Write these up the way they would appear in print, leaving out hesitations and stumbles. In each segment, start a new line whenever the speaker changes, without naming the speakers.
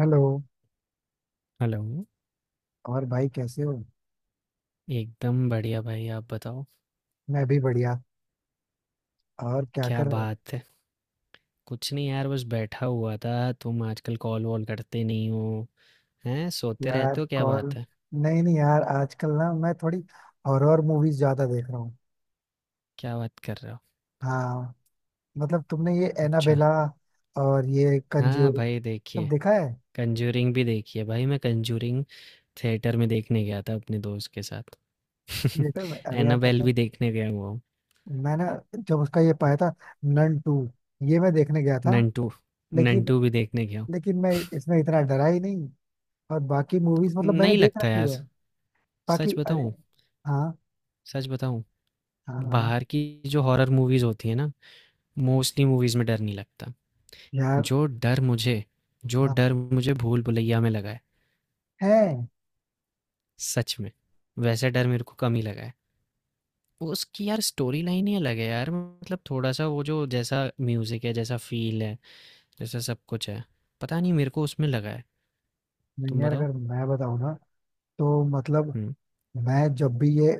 Hello.
Hello.
और भाई कैसे हो?
एकदम बढ़िया भाई, आप बताओ।
मैं भी बढ़िया। और क्या
क्या
कर रहे हो?
बात है? कुछ नहीं यार, बस बैठा हुआ था। तुम आजकल कॉल वॉल करते नहीं हो? हैं, सोते
यार
रहते हो, क्या
कॉल।
बात है?
नहीं, नहीं, यार आजकल ना मैं थोड़ी हॉरर मूवीज ज्यादा देख रहा हूँ।
क्या बात कर रहे हो?
हाँ। मतलब तुमने ये
अच्छा।
एनाबेला और ये
हाँ
कंज्यूरिंग
भाई
सब
देखिए,
देखा है।
कंजूरिंग भी देखिए भाई, मैं कंजूरिंग थिएटर में देखने गया था अपने दोस्त के साथ।
थिएटर में, अरे यार,
एनाबेल
पता है,
भी देखने गया हुआ हूँ।
मैंने जब उसका ये पाया था, नन टू, ये मैं देखने गया था
नंटू,
लेकिन
नंटू भी देखने गया हूँ।
लेकिन मैं इसमें इतना डरा ही नहीं। और बाकी मूवीज मतलब मैंने
नहीं
देख
लगता
रखी
यार।
है।
सच
बाकी, अरे।
बताऊँ
हाँ,
सच बताऊँ?
हाँ, हाँ
बाहर की जो हॉरर मूवीज होती है ना, मोस्टली मूवीज में डर नहीं लगता।
यार,
जो डर मुझे जो
हाँ,
डर मुझे भूल भुलैया में लगा है,
है।
सच में। वैसा डर मेरे को कम ही लगा है। उसकी यार स्टोरी लाइन ही अलग है यार, मतलब थोड़ा सा वो जो जैसा म्यूजिक है, जैसा फील है, जैसा सब कुछ है, पता नहीं मेरे को उसमें लगा है।
नहीं
तुम
यार,
बताओ।
अगर मैं बताऊँ ना तो मतलब
हम्म।
मैं जब भी ये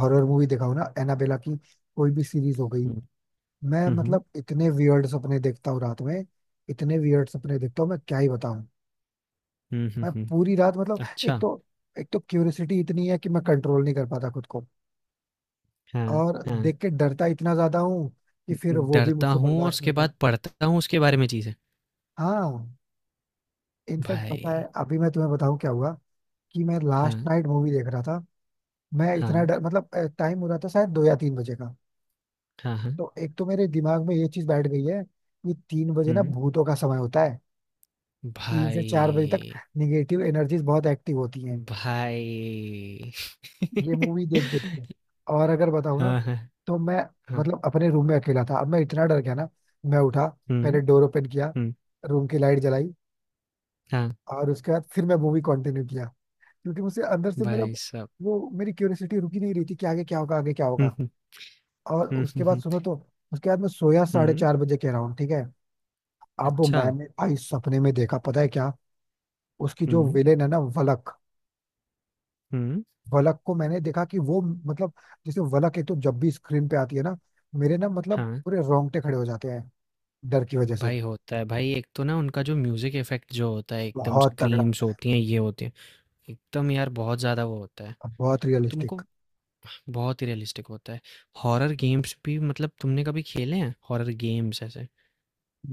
हॉरर मूवी देखा हूं ना, एनाबेला की, कोई भी सीरीज हो गई,
हम्म,
मैं
हम्म, हम्म।
मतलब इतने वियर्ड सपने देखता हूँ रात में। इतने वियर्ड सपने देखता हूँ, मैं क्या ही बताऊँ। मैं
हम्म।
पूरी रात मतलब
अच्छा।
एक तो एक तो क्यूरियोसिटी इतनी है कि मैं कंट्रोल नहीं कर पाता खुद को।
हाँ,
और
हाँ।
देख के डरता इतना ज्यादा हूँ कि फिर वो भी
डरता
मुझसे
हूँ और
बर्दाश्त नहीं
उसके बाद
होता।
पढ़ता हूँ उसके बारे में चीज़ें।
हाँ। इनफैक्ट पता है,
भाई।
अभी मैं तुम्हें बताऊँ क्या हुआ? कि मैं लास्ट
हाँ।
नाइट मूवी देख रहा था, मैं इतना
हाँ।
डर, मतलब टाइम हो रहा था शायद 2 या 3 बजे का।
हाँ। हाँ।
तो एक तो मेरे दिमाग में ये चीज बैठ गई है कि 3 बजे ना
हम्म।
भूतों का समय होता है। 3 से 4 बजे तक
भाई।
निगेटिव एनर्जीज बहुत एक्टिव होती हैं।
भाई।
ये मूवी देख देख के, और अगर बताऊँ ना,
हाँ, हाँ,
तो मैं
हाँ।
मतलब अपने रूम में अकेला था, अब मैं इतना डर गया ना, मैं उठा, पहले
हुँ,
डोर ओपन किया,
हुँ।
रूम की लाइट जलाई,
हाँ।
और उसके बाद फिर मैं मूवी कंटिन्यू किया, क्योंकि मुझे अंदर से मेरा
भाई साहब।
वो, मेरी क्यूरियोसिटी रुकी नहीं रही थी कि आगे क्या होगा, आगे क्या
हुँ,
होगा।
हुँ,
और
हुँ।
उसके
हुँ,
बाद
हुँ,
सुनो तो, उसके बाद मैं सोया साढ़े
हुँ।
चार बजे कह रहा हूँ, ठीक है। अब
अच्छा,
मैंने भाई सपने में देखा, पता है क्या? उसकी जो
हुँ,
विलेन है ना, वलक,
हुँ।
वलक को मैंने देखा कि वो मतलब, जैसे वलक, एक तो जब भी स्क्रीन पे आती है ना, मेरे ना मतलब
हाँ।
पूरे रोंगटे खड़े हो जाते हैं डर की वजह से।
भाई होता है भाई, एक तो ना उनका जो म्यूज़िक इफ़ेक्ट जो होता है एकदम
बहुत तगड़ा
स्क्रीम्स
होता है
होती हैं, ये होती हैं, एकदम यार बहुत ज़्यादा वो होता है।
और बहुत रियलिस्टिक।
तुमको बहुत ही रियलिस्टिक होता है। हॉरर गेम्स भी मतलब तुमने कभी खेले हैं हॉरर गेम्स ऐसे,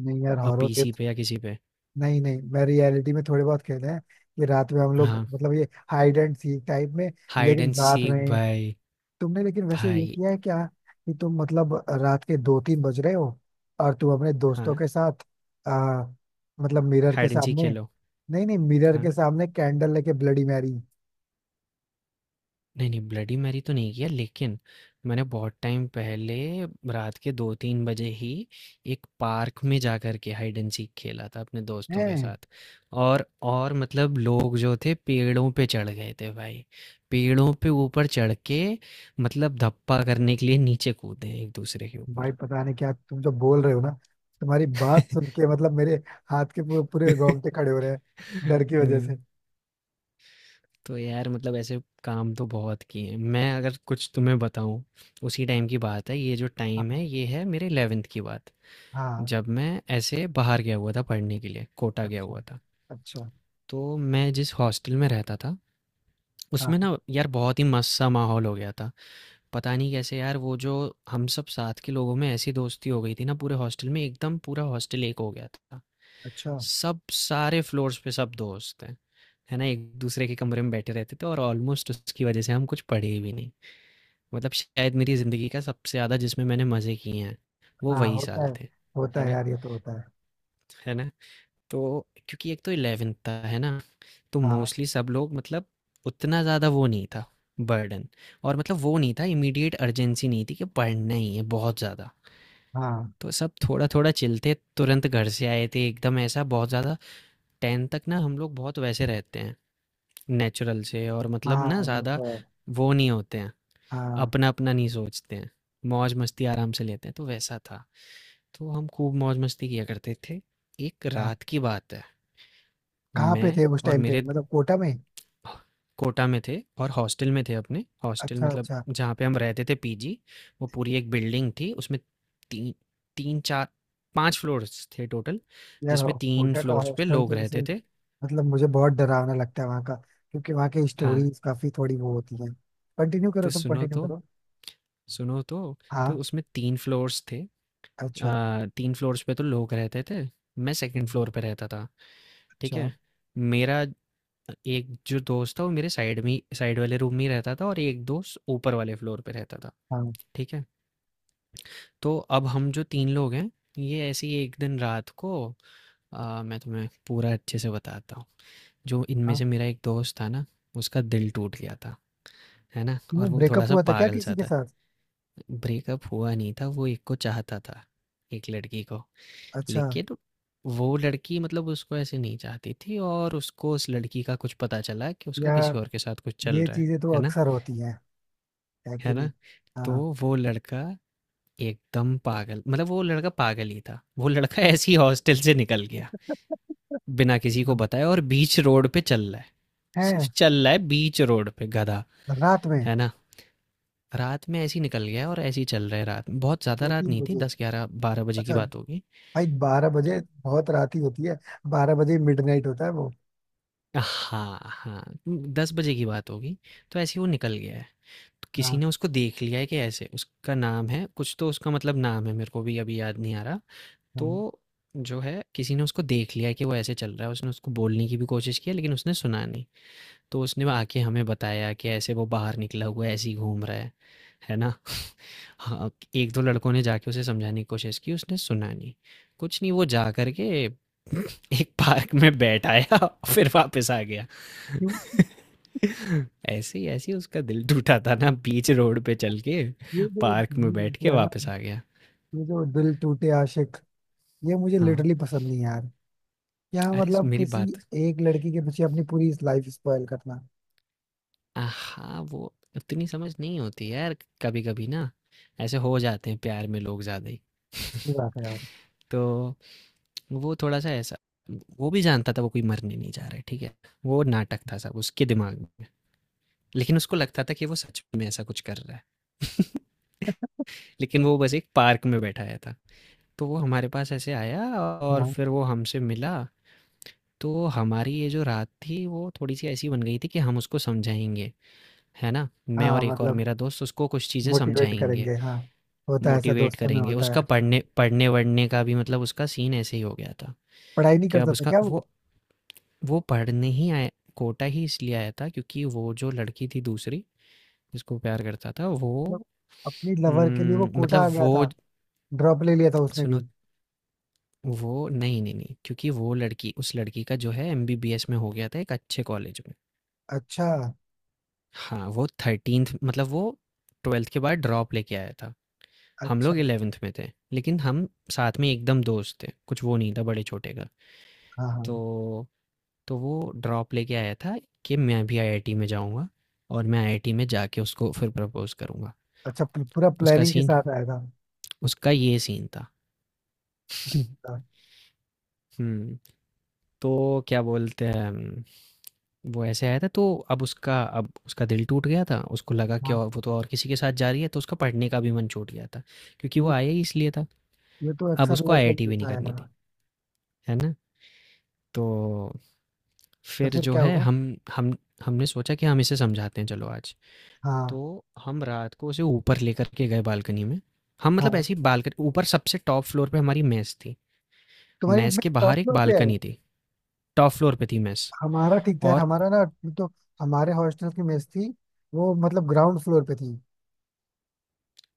नहीं यार हॉरर गेम,
पीसी पे या किसी पे?
नहीं, नहीं, मैं रियलिटी में थोड़े बहुत खेले हैं कि रात में हम लोग
हाँ,
मतलब ये हाइड एंड सीक टाइप में,
हाइड
लेकिन
एंड
रात
सीक
में।
भाई।
तुमने लेकिन वैसे ये
भाई।
किया है क्या कि तुम मतलब, रात के 2-3 बज रहे हो और तुम अपने दोस्तों
हाँ,
के साथ आ, मतलब मिरर के
हाइड एंड सीक
सामने,
खेलो।
नहीं, नहीं, मिरर
हाँ।
के सामने कैंडल लेके ब्लडी मैरी?
नहीं, नहीं ब्लडी मैरी तो नहीं किया, लेकिन मैंने बहुत टाइम पहले रात के 2-3 बजे ही एक पार्क में जा कर के हाइड एंड सीक खेला था अपने दोस्तों के
हैं?
साथ। और और मतलब लोग जो थे पेड़ों पे चढ़ गए थे भाई। पेड़ों पे ऊपर चढ़ के मतलब धप्पा करने के लिए नीचे कूदे एक दूसरे के ऊपर।
भाई पता नहीं क्या तुम जो बोल रहे हो ना, तुम्हारी बात सुन के मतलब मेरे हाथ के पूरे पूरे रोंगटे खड़े हो रहे हैं डर की
हुँ।
वजह से।
तो यार मतलब ऐसे काम तो बहुत किए हैं। मैं अगर कुछ तुम्हें बताऊं, उसी टाइम की बात है, ये जो
हाँ,
टाइम है ये है मेरे 11th की बात।
हाँ,
जब मैं ऐसे बाहर गया हुआ था पढ़ने के लिए, कोटा गया हुआ
अच्छा,
था,
अच्छा,
तो मैं जिस हॉस्टल में रहता था उसमें
हाँ,
ना यार बहुत ही मस्त सा माहौल हो गया था। पता नहीं कैसे यार वो जो हम सब साथ के लोगों में ऐसी दोस्ती हो गई थी ना, पूरे हॉस्टल में एकदम पूरा हॉस्टल एक हो गया था।
अच्छा,
सब सारे फ्लोर्स पे सब दोस्त हैं। है ना, एक दूसरे के कमरे में बैठे रहते थे और ऑलमोस्ट उसकी वजह से हम कुछ पढ़े भी नहीं। मतलब शायद मेरी ज़िंदगी का सबसे ज़्यादा जिसमें मैंने मज़े किए हैं वो
हाँ।
वही
होता
साल
है,
थे।
होता
है
है
ना?
यार, ये तो होता है।
है ना? तो क्योंकि एक तो 11th था, है ना? तो
हाँ,
मोस्टली सब लोग मतलब उतना ज़्यादा वो नहीं था, बर्डन, और मतलब वो नहीं था, इमीडिएट अर्जेंसी नहीं थी कि पढ़ना ही है बहुत ज़्यादा।
हाँ,
तो सब थोड़ा थोड़ा चिलते, तुरंत घर से आए थे, एकदम ऐसा बहुत ज़्यादा, टेन तक ना हम लोग बहुत वैसे रहते हैं नेचुरल से, और मतलब ना
हाँ, ये
ज़्यादा
तो है।
वो नहीं होते हैं,
हाँ,
अपना अपना नहीं सोचते हैं, मौज मस्ती आराम से लेते हैं, तो वैसा था। तो हम खूब मौज मस्ती किया करते थे। एक
हाँ,
रात की बात है।
कहाँ पे
मैं
थे उस
और
टाइम पे,
मेरे
मतलब कोटा में?
कोटा में थे और हॉस्टल में थे, अपने हॉस्टल,
अच्छा,
मतलब
अच्छा।
जहाँ पे हम रहते थे, पीजी। वो पूरी एक बिल्डिंग थी, उसमें तीन, तीन चार पांच फ्लोर्स थे टोटल,
यार
जिसमें तीन
कोटा का
फ्लोर्स पे
हॉस्टल
लोग
तो ऐसे,
रहते थे।
मतलब मुझे बहुत डरावना लगता है वहाँ का, क्योंकि वहाँ की
हाँ।
स्टोरीज काफी थोड़ी वो होती हैं। कंटिन्यू
तो
करो, तुम
सुनो
कंटिन्यू
तो
करो।
सुनो तो तो
हाँ,
उसमें तीन फ्लोर्स थे।
अच्छा,
तीन फ्लोर्स पे तो लोग रहते थे। मैं सेकंड फ्लोर पे रहता था। ठीक
अच्छा,
है। मेरा एक जो दोस्त था वो मेरे साइड में, साइड वाले रूम में ही रहता था, और एक दोस्त ऊपर वाले फ्लोर पे रहता था।
हाँ,
ठीक है। तो अब हम जो तीन लोग हैं, ये ऐसे ही एक दिन रात को, मैं तुम्हें पूरा अच्छे से बताता हूँ। जो इनमें
हाँ,
से मेरा एक दोस्त था ना, उसका दिल टूट गया था। है ना, और
क्यों?
वो थोड़ा
ब्रेकअप
सा
हुआ था क्या
पागल सा
किसी के
था।
साथ?
ब्रेकअप हुआ नहीं था, वो एक को चाहता था, एक लड़की को,
अच्छा।
लेकिन वो लड़की मतलब उसको ऐसे नहीं चाहती थी, और उसको उस लड़की का कुछ पता चला कि उसका किसी
यार
और के साथ कुछ चल
ये
रहा है।
चीजें तो
है ना।
अक्सर होती हैं, है
है
कि नहीं?
ना। तो
हाँ,
वो लड़का एकदम पागल, मतलब वो लड़का पागल ही था। वो लड़का ऐसे ही हॉस्टल से निकल गया बिना किसी को
हाँ,
बताए, और बीच रोड पे चल रहा है,
हैं।
सिर्फ चल रहा है बीच रोड पे, गधा।
रात में?
है ना, रात में ऐसे ही निकल गया और ऐसे ही चल रहा है रात में, बहुत ज़्यादा
दो
रात
तीन
नहीं थी,
बजे
दस ग्यारह बारह बजे की
अच्छा।
बात होगी।
भाई 12 बजे बहुत रात ही होती है। 12 बजे मिडनाइट होता है वो।
हाँ हाँ, दस बजे की बात होगी। तो ऐसे ही वो निकल गया है, किसी
हाँ।
ने उसको देख लिया है कि ऐसे, उसका नाम है कुछ तो, उसका मतलब नाम है मेरे को भी अभी याद नहीं आ रहा।
हाँ,
तो जो है, किसी ने उसको देख लिया है कि वो ऐसे चल रहा है, उसने उसको बोलने की भी कोशिश की है लेकिन उसने सुना नहीं। तो उसने आके हमें बताया कि ऐसे वो बाहर निकला हुआ है, ऐसे ही घूम रहा है। है ना? हाँ, 1-2 लड़कों ने जाके उसे समझाने की कोशिश की, उसने सुना नहीं। कुछ नहीं, वो जा कर के एक पार्क में बैठ आया, फिर वापस आ गया।
क्यों?
ऐसे ही उसका दिल टूटा था ना, बीच रोड पे चल के,
ये जो
पार्क में
गाने
बैठ
बोलते
के
हैं ना,
वापस आ गया।
ये जो दिल टूटे आशिक, ये मुझे
हाँ,
लिटरली पसंद नहीं है यार। यहाँ
अरे स
मतलब
मेरी
किसी
बात।
एक लड़की के पीछे अपनी पूरी लाइफ स्पॉइल करना।
हाँ, वो उतनी समझ नहीं होती यार, कभी-कभी ना ऐसे हो जाते हैं प्यार में लोग ज़्यादा ही।
सही बात है यार।
तो वो थोड़ा सा ऐसा, वो भी जानता था वो कोई मरने नहीं जा रहा है, ठीक है। वो नाटक था सब उसके दिमाग में, लेकिन उसको लगता था कि वो सच में ऐसा कुछ कर रहा है। लेकिन वो बस एक पार्क में बैठाया था। तो वो हमारे पास ऐसे आया और
हाँ,
फिर वो हमसे मिला। तो हमारी ये जो रात थी वो थोड़ी सी ऐसी बन गई थी कि हम उसको समझाएंगे, है ना। मैं
हाँ,
और एक और
मतलब
मेरा दोस्त उसको कुछ चीज़ें
मोटिवेट
समझाएंगे,
करेंगे, हाँ। होता है, ऐसा
मोटिवेट
दोस्तों में
करेंगे,
होता है
उसका
अक्सर।
पढ़ने पढ़ने-वढ़ने का भी मतलब उसका सीन ऐसे ही हो गया था
पढ़ाई नहीं
कि अब
करता था
उसका
क्या वो?
वो पढ़ने ही आया, कोटा ही इसलिए आया था क्योंकि वो जो लड़की थी दूसरी, जिसको प्यार करता था वो।
मतलब अपनी लवर के लिए वो कोटा
मतलब
आ गया
वो,
था? ड्रॉप ले लिया था उसने
सुनो,
भी?
वो नहीं, नहीं, नहीं क्योंकि वो लड़की, उस लड़की का जो है एमबीबीएस में हो गया था एक अच्छे कॉलेज में।
अच्छा,
हाँ, वो 13th मतलब वो 12th के बाद ड्रॉप लेके आया था। हम
अच्छा,
लोग 11th में थे, लेकिन हम साथ में एकदम दोस्त थे, कुछ वो नहीं था बड़े-छोटे का।
हाँ, हाँ,
तो तो वो ड्रॉप लेके आया था कि मैं भी आईआईटी में जाऊँगा, और मैं आईआईटी में जाके उसको फिर प्रपोज़ करूँगा।
अच्छा, पूरा
उसका
प्लानिंग के
सीन,
साथ आया था।
उसका ये सीन था। हुँ, तो क्या बोलते हैं, वो ऐसे आया था। तो अब उसका दिल टूट गया था। उसको लगा कि,
हाँ,
और वो तो और किसी के साथ जा रही है, तो उसका पढ़ने का भी मन छूट गया था, क्योंकि वो
ये
आया ही इसलिए था।
ये तो
अब
अक्सर
उसको
लड़कों में
आईआईटी भी नहीं
होता है
करनी थी,
यार।
है ना? तो
तो
फिर
फिर
जो
क्या
है,
होगा?
हम हमने सोचा कि हम इसे समझाते हैं, चलो आज। तो
हाँ,
हम रात को उसे ऊपर लेकर के गए बालकनी में। हम मतलब
हाँ,
ऐसे ही बालकनी ऊपर, सबसे टॉप फ्लोर पे हमारी मेस थी।
तुम्हारी
मेस
मेस
के
टॉप
बाहर एक
फ्लोर पे है?
बालकनी थी। टॉप फ्लोर पे थी मेस,
हमारा ठीक था यार,
और
हमारा ना, तो हमारे हॉस्टल की मेस थी वो मतलब ग्राउंड फ्लोर पे थी।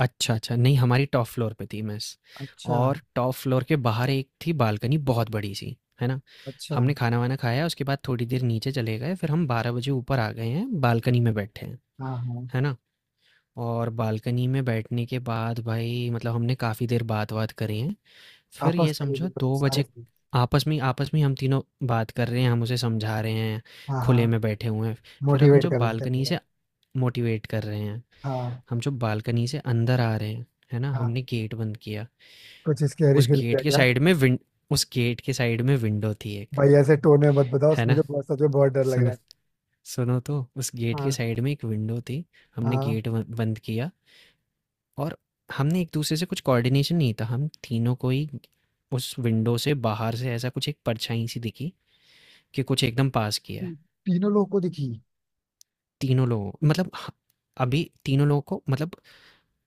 अच्छा, अच्छा नहीं, हमारी टॉप फ्लोर पे थी मेस,
अच्छा,
और टॉप फ्लोर के बाहर एक थी बालकनी, बहुत बड़ी-सी, है ना?
अच्छा,
हमने खाना-वाना खाया, उसके बाद थोड़ी देर नीचे चले गए, फिर हम 12 बजे ऊपर आ गए हैं, बालकनी में बैठे हैं,
हाँ, हाँ,
है ना? और बालकनी में बैठने के बाद भाई मतलब हमने काफ़ी देर बात-वात करी है, फिर ये
आपस में ही
समझो
मतलब
2
सारे?
बजे, आपस में, आपस में हम तीनों बात कर रहे हैं, हम उसे समझा रहे हैं,
हाँ, हाँ,
खुले में बैठे हुए हैं। फिर हम
मोटिवेट
जो
कर रहे थे
बालकनी
पूरा,
से, मोटिवेट कर रहे हैं,
हाँ,
हम जो बालकनी से अंदर आ रहे हैं, है ना?
हाँ,
हमने गेट बंद किया।
कुछ स्कैरी
उस
फील
गेट
किया
के
क्या?
साइड में विन उस गेट के साइड में विंडो थी एक,
भाई ऐसे टोन में मत बताओ,
है ना?
मुझे बहुत, सच में बहुत डर लग रहा
सुनो,
है।
सुनो तो, उस गेट के
हाँ,
साइड में एक विंडो थी। हमने
हाँ,
गेट ब बंद किया, और हमने एक-दूसरे से कुछ कोऑर्डिनेशन नहीं था, हम तीनों को ही उस विंडो से बाहर से ऐसा कुछ एक परछाई सी दिखी कि कुछ एकदम पास किया है।
तीनों लोगों को दिखी?
तीनों लोगों मतलब ह अभी तीनों लोगों को मतलब,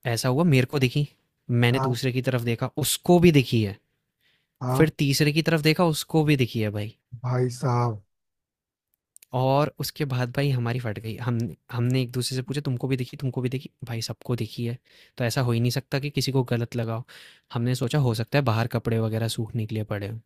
ऐसा हुआ, मेरे को दिखी, मैंने
हाँ,
दूसरे की तरफ देखा, उसको भी दिखी है, फिर
हाँ,
तीसरे की तरफ देखा, उसको भी दिखी है भाई।
भाई साहब,
और उसके बाद भाई हमारी फट गई। हम हमने एक-दूसरे से पूछा, तुमको भी दिखी, तुमको भी दिखी? भाई सबको दिखी है, तो ऐसा हो ही नहीं सकता कि किसी को गलत लगा हो। हमने सोचा हो सकता है बाहर कपड़े वगैरह सूखने के लिए पड़े हों,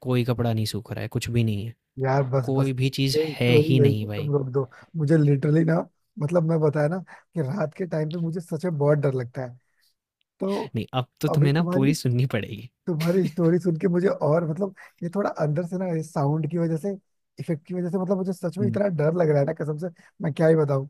कोई कपड़ा नहीं सूख रहा है, कुछ भी नहीं है,
यार बस
कोई
बस,
भी चीज़
ये
है
स्टोरी
ही
यही
नहीं
पे
भाई।
तुम रोक दो। मुझे लिटरली ना, मतलब मैं बताया ना कि रात के टाइम पे मुझे सच में बहुत डर लगता है, तो
नहीं, अब तो
अभी
तुम्हें ना
तुम्हारी
पूरी सुननी पड़ेगी।
तुम्हारी स्टोरी सुन के मुझे और मतलब, ये थोड़ा अंदर से ना, ये साउंड की वजह से, इफेक्ट की वजह से, मतलब मुझे सच में
हुँ,
इतना डर लग रहा है ना, कसम से। मैं क्या ही बताऊं।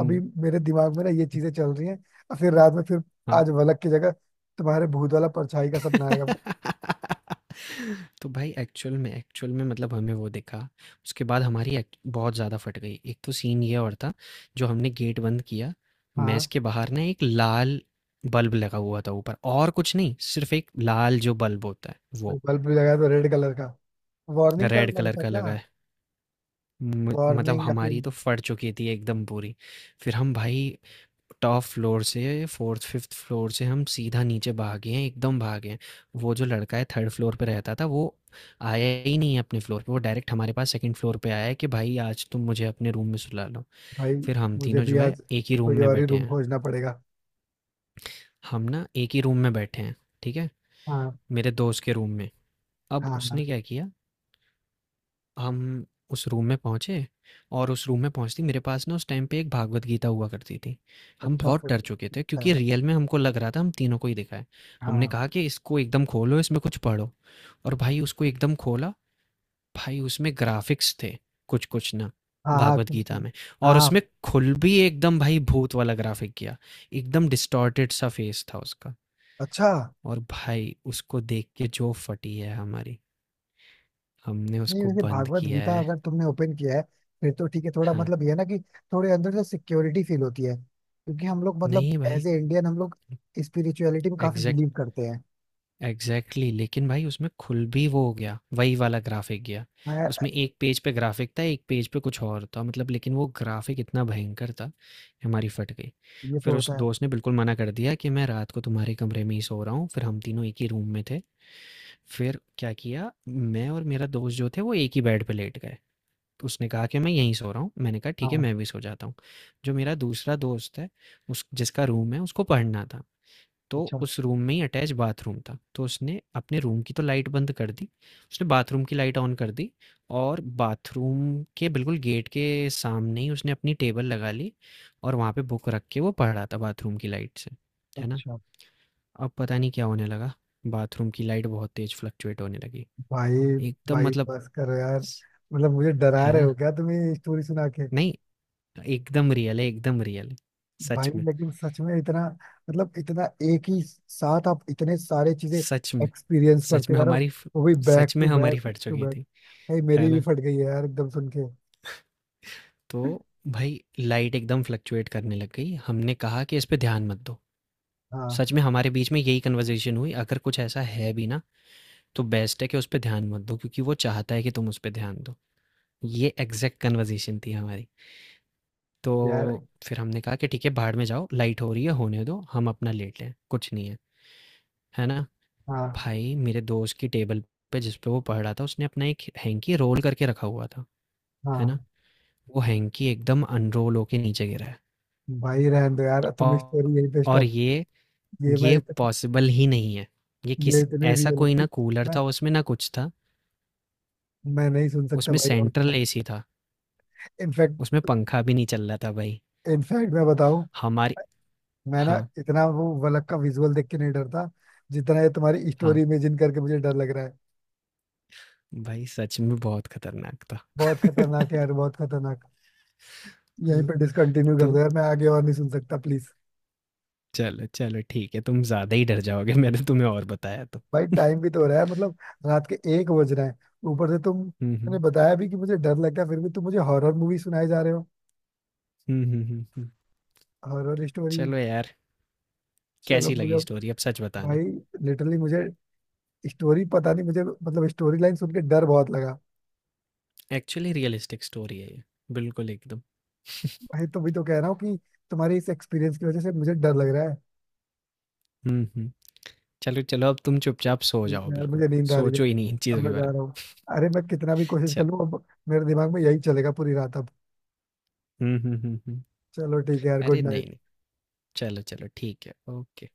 हुँ,
मेरे दिमाग में ना ये चीजें चल रही हैं, और फिर रात में फिर
हाँ।
आज वलक की जगह तुम्हारे भूत वाला परछाई का सपना आएगा।
तो भाई एक्चुअल में मतलब हमें वो दिखा। उसके बाद हमारी बहुत ज़्यादा फट गई। एक तो सीन ये और था, जो हमने गेट बंद किया, मैस
हाँ।
के बाहर ना एक लाल बल्ब लगा हुआ था ऊपर, और कुछ नहीं सिर्फ एक लाल जो बल्ब होता है वो,
बल्ब भी लगाया तो रेड कलर का, वार्निंग का
रेड
वाला
कलर
था
का
क्या?
लगा है। मतलब
वार्निंग, या
हमारी
फिर
तो फट चुकी थी एकदम पूरी। फिर हम भाई टॉप फ्लोर से, फोर्थ फिफ्थ फ्लोर से, हम सीधा नीचे भागे हैं, एकदम भागे हैं। वो जो लड़का है थर्ड फ्लोर पे रहता था, वो आया ही नहीं है अपने फ्लोर पे, वो डायरेक्ट हमारे पास सेकंड फ्लोर पे आया है कि भाई आज तुम मुझे अपने रूम में सुला लो।
भाई
फिर हम
मुझे
तीनों
भी
जो है
आज
एक ही रूम
कोई
में
और ही
बैठे
रूम
हैं।
खोजना पड़ेगा।
हम ना एक ही रूम में बैठे हैं, ठीक है,
हाँ,
मेरे दोस्त के रूम में।
हाँ,
अब
हाँ,
उसने क्या किया, हम उस रूम में पहुँचे, और उस रूम में पहुँचते ही मेरे पास ना उस टाइम पे एक भागवत गीता हुआ करती थी। हम
अच्छा,
बहुत
फिर?
डर चुके थे
अच्छा है।
क्योंकि रियल में हमको लग रहा था हम तीनों को ही दिखा है। हमने
हाँ,
कहा कि इसको एकदम खोलो, इसमें कुछ पढ़ो, और भाई उसको एकदम खोला, भाई उसमें ग्राफ़िक्स थे कुछ-कुछ ना,
हाँ, हाँ
भागवत गीता
कृष्ण,
में, और
हाँ,
उसमें खुल भी एकदम भाई भूत वाला ग्राफ़िक किया। एकदम डिस्टॉर्टेड सा फेस था उसका,
अच्छा।
और भाई उसको देख के जो फटी है हमारी, हमने
नहीं
उसको
वैसे
बंद
भागवत
किया
गीता
है।
अगर तुमने ओपन किया है, फिर तो ठीक है, थोड़ा
हाँ,
मतलब ये है ना कि थोड़े अंदर से सिक्योरिटी फील होती है, क्योंकि हम लोग मतलब
नहीं भाई।
एज ए इंडियन, हम लोग स्पिरिचुअलिटी में काफी
एग्जैक्ट,
बिलीव करते हैं।
एग्जैक्टली, लेकिन भाई उसमें खुल भी वो हो गया वही वाला ग्राफिक गया।
हाँ यार,
उसमें एक पेज पे ग्राफिक था, एक पेज पे कुछ और था, मतलब, लेकिन वो ग्राफिक इतना भयंकर था कि हमारी फट गई।
ये तो
फिर उस
होता है।
दोस्त ने बिल्कुल मना कर दिया कि मैं रात को तुम्हारे कमरे में ही सो रहा हूँ, फिर हम तीनों एक ही रूम में थे। फिर क्या किया, मैं और मेरा दोस्त जो थे वो एक ही बेड पे लेट गए। तो उसने कहा कि मैं यहीं सो रहा हूँ, मैंने कहा ठीक है
हाँ,
मैं भी सो जाता हूँ। जो मेरा दूसरा दोस्त है, उस जिसका रूम है, उसको पढ़ना था, तो
अच्छा,
उस रूम में ही अटैच बाथरूम था। तो उसने अपने रूम की तो लाइट बंद कर दी, उसने बाथरूम की लाइट ऑन कर दी, और बाथरूम के बिल्कुल गेट के सामने ही उसने अपनी टेबल लगा ली, और वहाँ पे बुक रख के वो पढ़ रहा था बाथरूम की लाइट से, है ना?
अच्छा,
अब पता नहीं क्या होने लगा, बाथरूम की लाइट बहुत तेज़ फ्लक्चुएट होने लगी।
भाई,
एकदम
भाई
मतलब,
बस करो यार,
स
मतलब मुझे डरा
है
रहे
ना?
हो क्या तुम ये स्टोरी सुना के?
नहीं, एकदम रियल है, एकदम रियल है। सच
भाई
में,
लेकिन सच में इतना, मतलब इतना एक ही साथ आप इतने सारे चीजें
सच में,
एक्सपीरियंस
सच
करते
में
जा रहे हो,
हमारी फ
वो भी बैक
सच में
टू
हमारी
बैक
फट
टू
चुकी
बैक।
थी,
भाई
है
मेरी भी
ना?
फट गई है यार, एकदम सुन के।
तो भाई लाइट एकदम फ्लक्चुएट करने लग गई। हमने कहा कि इस पे ध्यान मत दो।
हाँ
सच में हमारे बीच में यही कन्वर्सेशन हुई, अगर कुछ ऐसा है भी ना, तो बेस्ट है कि उस पे ध्यान मत दो क्योंकि वो चाहता है कि तुम उस पे ध्यान दो। ये एग्ज़ैक्ट कन्वर्सेशन थी हमारी।
यार,
तो फिर हमने कहा कि ठीक है बाहर में जाओ, लाइट हो रही है, होने दो, हम अपना लेट लें, कुछ नहीं है। है ना?
हाँ,
भाई मेरे दोस्त की टेबल पे, जिस पे वो पढ़ रहा था, उसने अपना एक हैंकी रोल करके रखा हुआ था। है ना?
हाँ,
वो हैंकी एकदम अनरोल होके नीचे गिरा है।
भाई रहने दो यार,
औ
तुम स्टोरी यहीं पे
और
स्टॉप।
ये
ये मैं
ये
इतने,
पॉसिबल ही नहीं है, ये
ये
किस
इतने
ऐसा कोई ना
रियलिस्टिक,
कूलर
मैं
था उसमें, ना कुछ था,
मैं नहीं सुन सकता
उसमें
भाई और।
सेंट्रल एसी था,
इनफैक्ट
उसमें पंखा भी नहीं चल रहा था भाई।
इनफैक्ट मैं बताऊं,
हमारी
मैं ना
हाँ,
इतना वो वलक का विजुअल देख के नहीं डरता जितना ये तुम्हारी
हाँ,
स्टोरी इमेजिन करके मुझे डर लग रहा है।
भाई सच में बहुत खतरनाक था।
बहुत खतरनाक है यार, बहुत खतरनाक। यहीं
हम्म।
पे डिसकंटिन्यू कर
तो
दो यार, मैं आगे और नहीं सुन सकता प्लीज।
चलो, चलो ठीक है, तुम ज़्यादा ही डर जाओगे मैंने तुम्हें और बताया तो।
भाई टाइम भी तो हो रहा है मतलब, रात के 1 बज रहे हैं। ऊपर से तुम,
हम्म,
मैंने
हम्म,
बताया भी कि मुझे डर लगता है, फिर भी तुम मुझे हॉरर मूवी सुनाए जा रहे हो।
हम्म, हम्म, हम्म, हम्म।
Horror story.
चलो यार,
चलो
कैसी
मुझे,
लगी स्टोरी अब सच बताना।
भाई, लिटरली मुझे स्टोरी, पता नहीं मुझे मतलब स्टोरी लाइन सुन के डर बहुत लगा।
एक्चुअली रियलिस्टिक स्टोरी है ये, बिल्कुल एकदम।
भाई तो भी तो कह रहा हूँ कि तुम्हारी इस एक्सपीरियंस की वजह से मुझे डर लग रहा है।
हम्म, हम्म। चलो, चलो, अब तुम चुपचाप सो
ठीक
जाओ
है यार,
बिल्कुल,
मुझे नींद आ रही है,
सोचो ही नहीं इन
अब
चीज़ों के
मैं
बारे
जा
में।
रहा हूँ। अरे मैं कितना भी कोशिश कर
चलो।
लूँ, अब मेरे दिमाग में यही चलेगा पूरी रात अब।
हुँ, हुँ, हुँ, हुँ।
चलो ठीक है यार,
अरे
गुड
नहीं,
नाइट।
नहीं। चलो, चलो ठीक है, ओके।